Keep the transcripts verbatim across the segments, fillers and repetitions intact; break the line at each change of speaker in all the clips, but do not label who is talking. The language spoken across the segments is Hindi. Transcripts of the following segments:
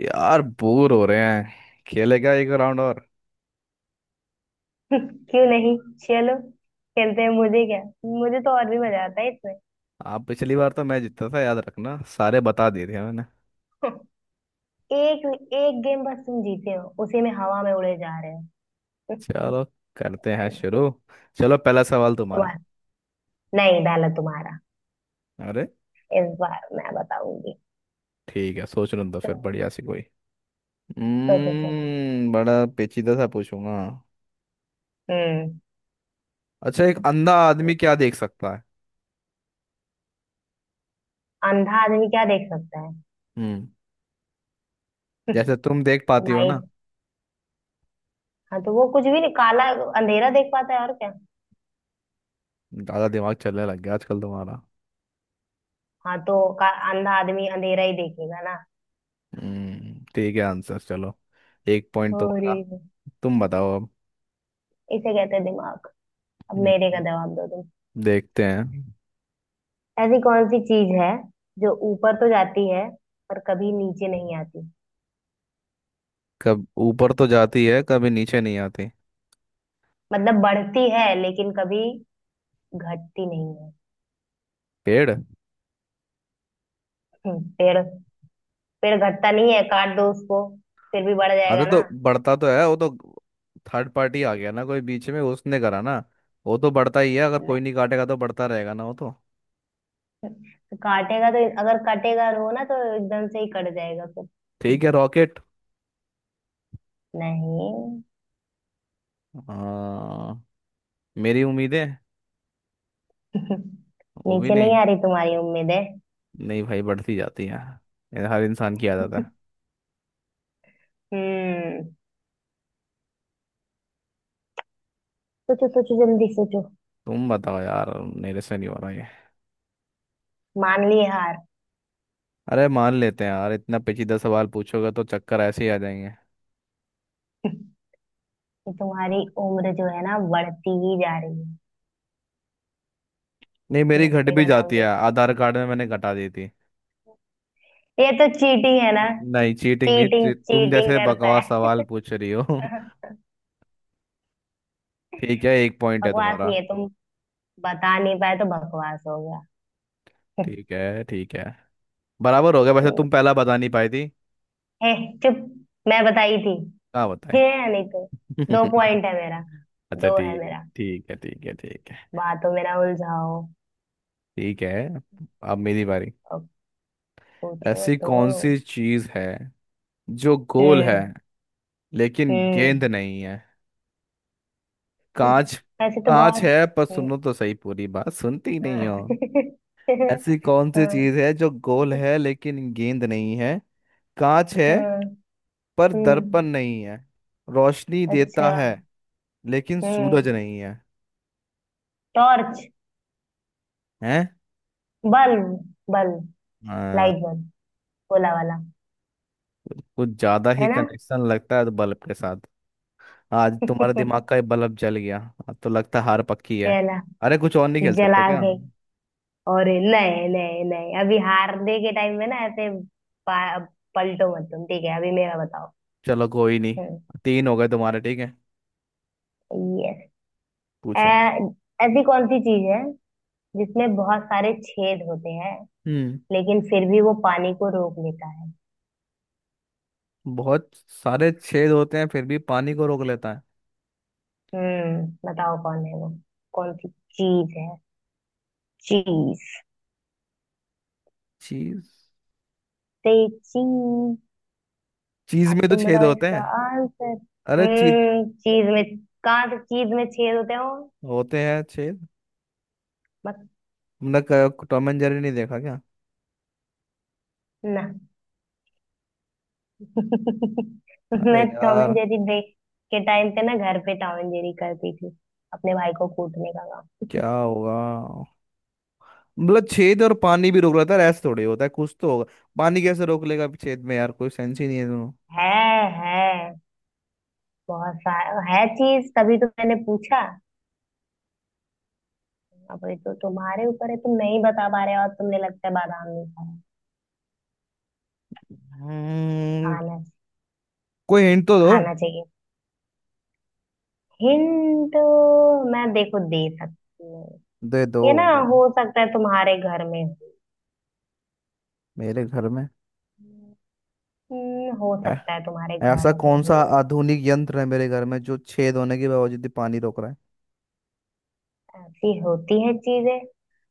यार बोर हो रहे हैं खेलेगा एक राउंड और।
क्यों नहीं। चलो, खेलते हैं। मुझे क्या, मुझे तो और भी मजा आता है इसमें।
आप पिछली बार तो मैं जीता था, याद रखना, सारे बता दिए थे मैंने।
एक एक गेम बस तुम जीते हो, उसी में हवा में उड़े जा रहे हो।
चलो करते
पता
हैं
नहीं।
शुरू। चलो पहला सवाल तुम्हारा।
तुम्हारा नहीं डाला तुम्हारा।
अरे
इस बार मैं बताऊंगी।
ठीक है, सोच रहा था फिर
तुम
बढ़िया सी कोई।
सोचो सोचो।
हम्म बड़ा पेचीदा सा पूछूंगा।
हम्म।
अच्छा, एक अंधा आदमी क्या देख सकता है?
अंधा आदमी क्या देख सकता है?
हम्म जैसे तुम देख पाती हो
तुम्हारी।
ना।
हाँ, तो वो कुछ भी नहीं, काला अंधेरा देख पाता है, और क्या।
ज्यादा दिमाग चलने लग गया आजकल तुम्हारा।
हाँ, तो का, अंधा आदमी अंधेरा ही देखेगा ना।
हम्म ठीक है, आंसर चलो। एक पॉइंट
अरे!
तुम्हारा। तुम बताओ अब।
इसे कहते हैं दिमाग। अब
हम्म,
मेरे का जवाब दो।
देखते हैं।
ऐसी कौन सी चीज है जो ऊपर तो जाती है, पर कभी नीचे नहीं आती?
कब ऊपर तो जाती है कभी नीचे नहीं आती?
मतलब बढ़ती है लेकिन कभी घटती नहीं है।
पेड़।
हम्म, पेड़। पेड़ घटता नहीं है, काट दो उसको फिर भी बढ़ जाएगा
अरे
ना।
तो बढ़ता तो है वो तो, थर्ड पार्टी आ गया ना कोई बीच में उसने करा ना। वो तो बढ़ता ही है, अगर कोई
नहीं,
नहीं काटेगा तो बढ़ता रहेगा ना वो तो।
तो काटेगा तो अगर कटेगा रो ना तो एकदम से ही कट जाएगा फिर।
ठीक है, रॉकेट।
नहीं।
हाँ, मेरी उम्मीद है। वो भी
नीचे नहीं
नहीं,
आ रही तुम्हारी उम्मीद है।
नहीं भाई बढ़ती जाती है। ये हर इंसान की आदत है।
हम्म सोचो सोचो जल्दी सोचो।
तुम बताओ यार, मेरे से नहीं हो रहा ये।
मान लिए हार?
अरे मान लेते हैं यार, इतना पेचीदा सवाल पूछोगे तो चक्कर ऐसे ही आ जाएंगे।
कि तुम्हारी उम्र जो है ना, बढ़ती ही जा रही है।
नहीं मेरी घट
घटने
भी
का नाम
जाती है,
नहीं ले।
आधार कार्ड में मैंने घटा दी थी।
ये तो चीटिंग है ना।
नहीं चीटिंग नहीं,
चीटिंग
तु- तुम
चीटिंग
जैसे
करता
बकवास
है।
सवाल पूछ रही हो। ठीक है, एक पॉइंट है
बकवास नहीं
तुम्हारा।
है। तुम बता नहीं पाए तो बकवास हो गया।
ठीक है ठीक है। बराबर हो गया, वैसे तुम पहला बता नहीं पाई थी।
हे, चुप! मैं बताई थी।
कहाँ बताए?
हे, नहीं तो। दो पॉइंट है मेरा।
अच्छा
दो है
ठीक है
मेरा।
ठीक है ठीक है ठीक है
बातों में ना उलझाओ।
ठीक है। अब मेरी बारी।
अब पूछो
ऐसी कौन
तो।
सी चीज है जो गोल है
हम्म,
लेकिन
हम्म।
गेंद नहीं है? कांच।
ऐसे तो
कांच
बहुत।
है, पर
हम्म।
सुनो तो सही, पूरी बात सुनती नहीं
हाँ।
हो। ऐसी कौन सी
हाँ,
चीज है जो गोल है लेकिन गेंद नहीं है? कांच है
हाँ।
पर दर्पण
हम्म,
नहीं है, रोशनी देता
अच्छा।
है लेकिन सूरज
हम्म,
नहीं है।
टॉर्च।
हैं?
Bulb, bulb.
हाँ।
Light bulb. भोला वाला।
कुछ कुछ ज्यादा ही
है ना।
कनेक्शन लगता है तो बल्ब के साथ। आज तुम्हारे
कहला।
दिमाग का ये बल्ब जल गया। अब तो लगता है हार पक्की है। अरे कुछ और नहीं खेल सकते
जला
क्या?
के। और नए नए नए, अभी हारने के टाइम में ना, ऐसे। पा- पलटो मत तुम, ठीक है? अभी मेरा बताओ।
चलो कोई नहीं।
हम्म।
तीन हो गए तुम्हारे, ठीक है।
यस।
पूछो।
ऐसी कौन सी चीज है जिसमें बहुत सारे छेद होते हैं,
हम्म
लेकिन फिर भी वो पानी को रोक लेता है?
बहुत सारे छेद होते हैं फिर भी पानी को रोक लेता है?
हम्म बताओ, कौन है वो? कौन सी चीज है? चीज,
चीज।
से चीज।
चीज
अब
में तो
तुम
छेद
बताओ
होते
इसका
हैं।
आंसर।
अरे चीज।
हम्म चीज में? कहाँ से चीज में छेद होते हो?
होते हैं छेद।
बस।
तुमने क- टॉम एंड जेरी नहीं देखा क्या?
ना।
अरे
मैं टॉम
यार,
एंड जेरी देख के टाइम पे ना, घर पे टॉम एंड जेरी करती थी, अपने भाई को कूटने का काम।
क्या होगा? मतलब छेद और पानी भी रोक रहा था, ऐसा थोड़ी होता है, कुछ तो होगा। पानी कैसे रोक लेगा छेद में, यार कोई सेंस ही नहीं है दोनों।
है है बहुत सारा है चीज, तभी तो मैंने पूछा। अब ये तो तुम्हारे ऊपर है, तुम नहीं बता पा रहे हो। और तुमने लगता है बादाम नहीं खाया।
हम्म,
खाना
कोई हिंट तो दो।
खाना चाहिए। हिंट मैं देखो दे सकती हूँ।
दे दो।
ये ना,
दे दो।
हो सकता है तुम्हारे घर में हो।
मेरे घर में?
हम्म, हो
ऐ-
सकता है तुम्हारे
ऐसा
घर में
कौन
हो।
सा आधुनिक यंत्र है मेरे घर में जो छेद होने के बावजूद भी पानी रोक रहा है?
ऐसी होती है चीजें।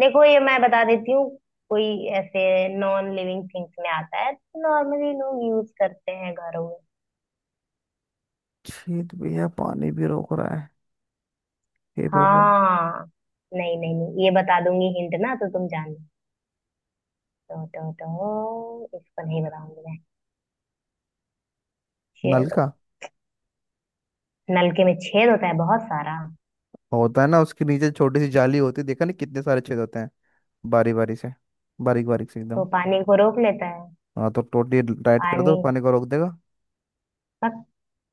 देखो ये मैं बता देती हूँ। कोई ऐसे नॉन लिविंग थिंग्स में आता है। नॉर्मली लोग यूज करते हैं घरों में।
छेद भी है पानी भी रोक रहा है, हे प्रभु।
हाँ, नहीं नहीं नहीं, ये बता दूंगी हिंट ना तो तुम जान लो। तो तो तो इसको नहीं बताऊंगी मैं।
नल
चलो।
का।
नलके में छेद होता है बहुत सारा,
होता है ना, उसके नीचे छोटी सी जाली होती है, देखा नहीं कितने सारे छेद होते हैं। बारी बारी से, बारीक बारीक से
तो
एकदम।
पानी को रोक लेता है।
हाँ तो टोटली राइट कर दो,
पानी।
पानी को रोक देगा।
बस।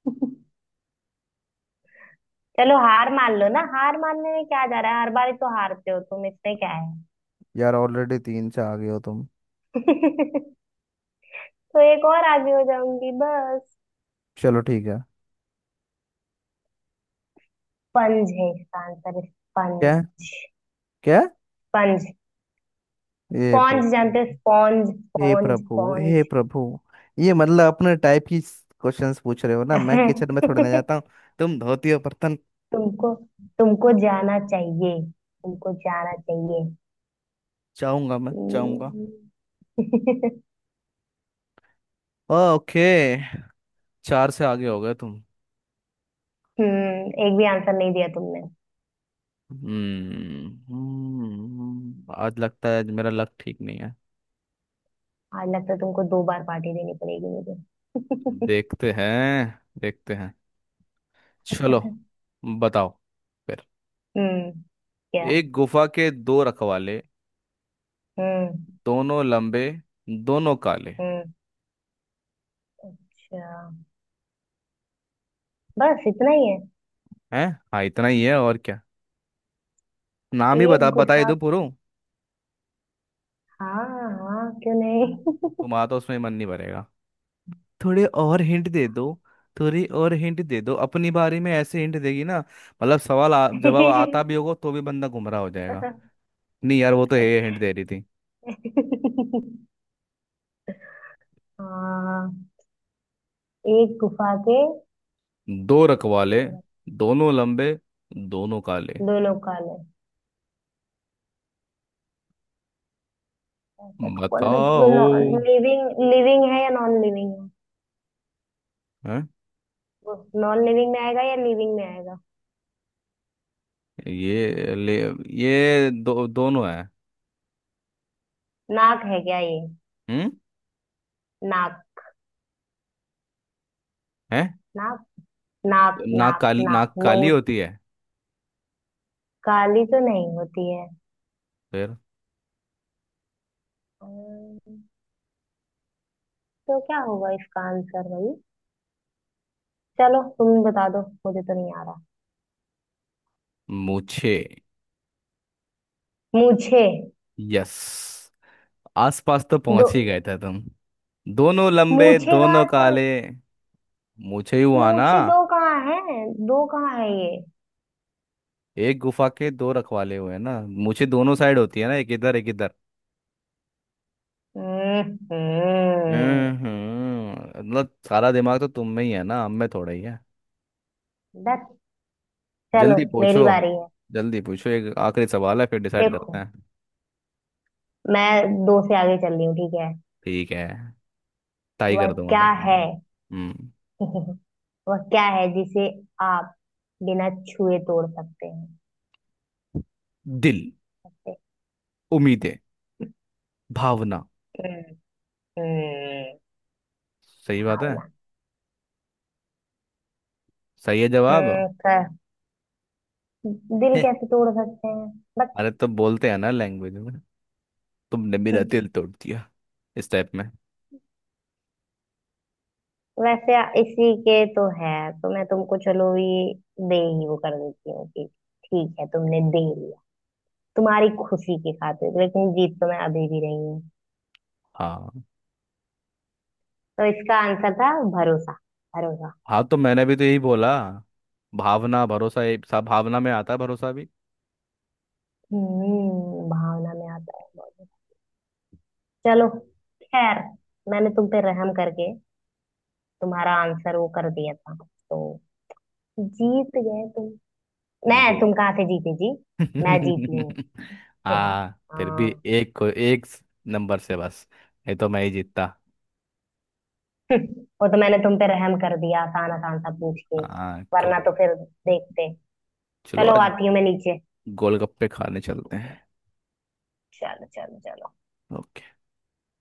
चलो, हार मान लो ना। हार मानने में क्या जा रहा है? हर बार ही तो हारते हो तुम, इसमें क्या है।
यार ऑलरेडी तीन से आ गए हो तुम।
तो एक और आगे हो जाऊंगी बस।
चलो ठीक है।
स्पंज है इसका आंसर। स्पंज।
क्या? क्या?
स्पंज।
हे
स्पॉन्ज
प्रभु।
जानते हो? स्पॉन्ज,
हे
स्पॉन्ज,
प्रभु हे
स्पॉन्ज।
प्रभु। ये मतलब अपने टाइप की क्वेश्चंस पूछ रहे हो ना, मैं किचन में थोड़ी ना जाता हूँ। तुम धोती हो बर्तन।
तुमको तुमको जाना चाहिए। तुमको जाना चाहिए।
जाऊंगा, मैं जाऊंगा।
हम्म।
ओके। चार से आगे हो गए तुम।
हम्म, एक भी आंसर नहीं दिया तुमने।
हम्म हम्म, आज लगता है मेरा लक ठीक नहीं है।
आज लगता है तुमको दो बार पार्टी देनी पड़ेगी मुझे।
देखते हैं देखते हैं। चलो बताओ फिर।
हम्म। क्या?
एक गुफा के दो रखवाले,
हम्म,
दोनों लंबे, दोनों काले।
हम्म। अच्छा, बस इतना ही है?
हैं? हाँ इतना ही है, और क्या? नाम ही बता
एक
बताए
गुफा।
दो पूरा।
हाँ। हाँ, क्यों नहीं।
तुम्हारा तो उसमें मन नहीं भरेगा। थोड़े और हिंट दे दो। थोड़ी और हिंट दे दो, अपनी बारे में ऐसे हिंट देगी ना, मतलब सवाल आ, जवाब आता भी होगा तो भी बंदा गुमराह हो जाएगा। नहीं यार वो तो ये हिंट दे रही थी।
हाँ। एक गुफा के
दो रखवाले,
दो रथ-
दोनों लंबे, दोनों काले।
दो लोग काले। ऐसा तो कौन?
बताओ।
Non living? लिविंग है या नॉन लिविंग है?
हैं?
वो नॉन लिविंग में आएगा या लिविंग में आएगा?
ये ले, ये दो दोनों है।
नाक है क्या ये?
हम्म।
नाक।
हैं?
नाक, नाक,
नाक
नाक,
काली,
नाक
नाक काली
नोज।
होती है।
काली तो नहीं होती है।
फिर?
अम्म, तो क्या होगा इसका आंसर भाई? चलो तुम बता दो, मुझे तो नहीं आ रहा।
मुझे।
मूछे?
यस। आसपास तो
दो
पहुंच ही गए थे तुम। दोनों लंबे,
मूछे
दोनों
कहाँ से?
काले। मुझे ही हुआ ना।
मूछे दो कहाँ है? दो कहाँ है ये?
एक गुफा के दो रखवाले हुए हैं ना, मुझे दोनों साइड होती है ना, एक इधर एक इधर।
हम्म। हम्म।
हम्म। मतलब सारा दिमाग तो तुम में ही है ना, हम में थोड़ा ही है।
बस, चलो
जल्दी पूछो।
मेरी बारी है।
जल्दी पूछो, एक आखिरी सवाल है फिर डिसाइड करते
देखो,
हैं।
मैं दो से आगे चल रही हूँ, ठीक है?
ठीक है। टाई
वह
कर दूंगा
क्या
तुम।
है?
हम्म।
वह क्या है जिसे आप बिना छुए तोड़ सकते हैं?
दिल। उम्मीदें। भावना।
हम्म। हम्म।
सही बात है।
भावना।
सही है जवाब।
हम्म, क- दिल कैसे तोड़ सकते हैं? बस।
अरे तो बोलते हैं ना लैंग्वेज में, तुमने मेरा
हम्म,
दिल तोड़ दिया, इस टाइप में।
वैसे इसी के तो है। तो मैं तुमको चलो, ये दे ही वो कर देती हूँ कि ठीक है, तुमने दे लिया तुम्हारी खुशी की खातिर। लेकिन जीत तो मैं अभी भी रही हूँ।
हाँ।
तो इसका आंसर था भरोसा। भरोसा।
हाँ तो मैंने भी तो यही बोला। भावना, भरोसा, ये सब भावना में आता है, भरोसा भी।
हम्म भावना में आता है बहुत। चलो, खैर मैंने तुम पे रहम करके तुम्हारा आंसर वो कर दिया था, तो जीत गए तुम। मैं,
वो
तुम कहाँ से जीते जी? मैं जीती हूँ।
हाँ फिर भी
हाँ।
एक को एक नंबर से बस, ये तो मैं ही जीतता।
वो तो मैंने तुम पे रहम कर दिया, आसान आसान सा पूछ के।
हाँ
वरना तो
कोई।
फिर देखते।
चलो
चलो,
आज
आती हूँ मैं नीचे।
गोलगप्पे खाने चलते हैं।
चलो, चलो, चलो।
ओके।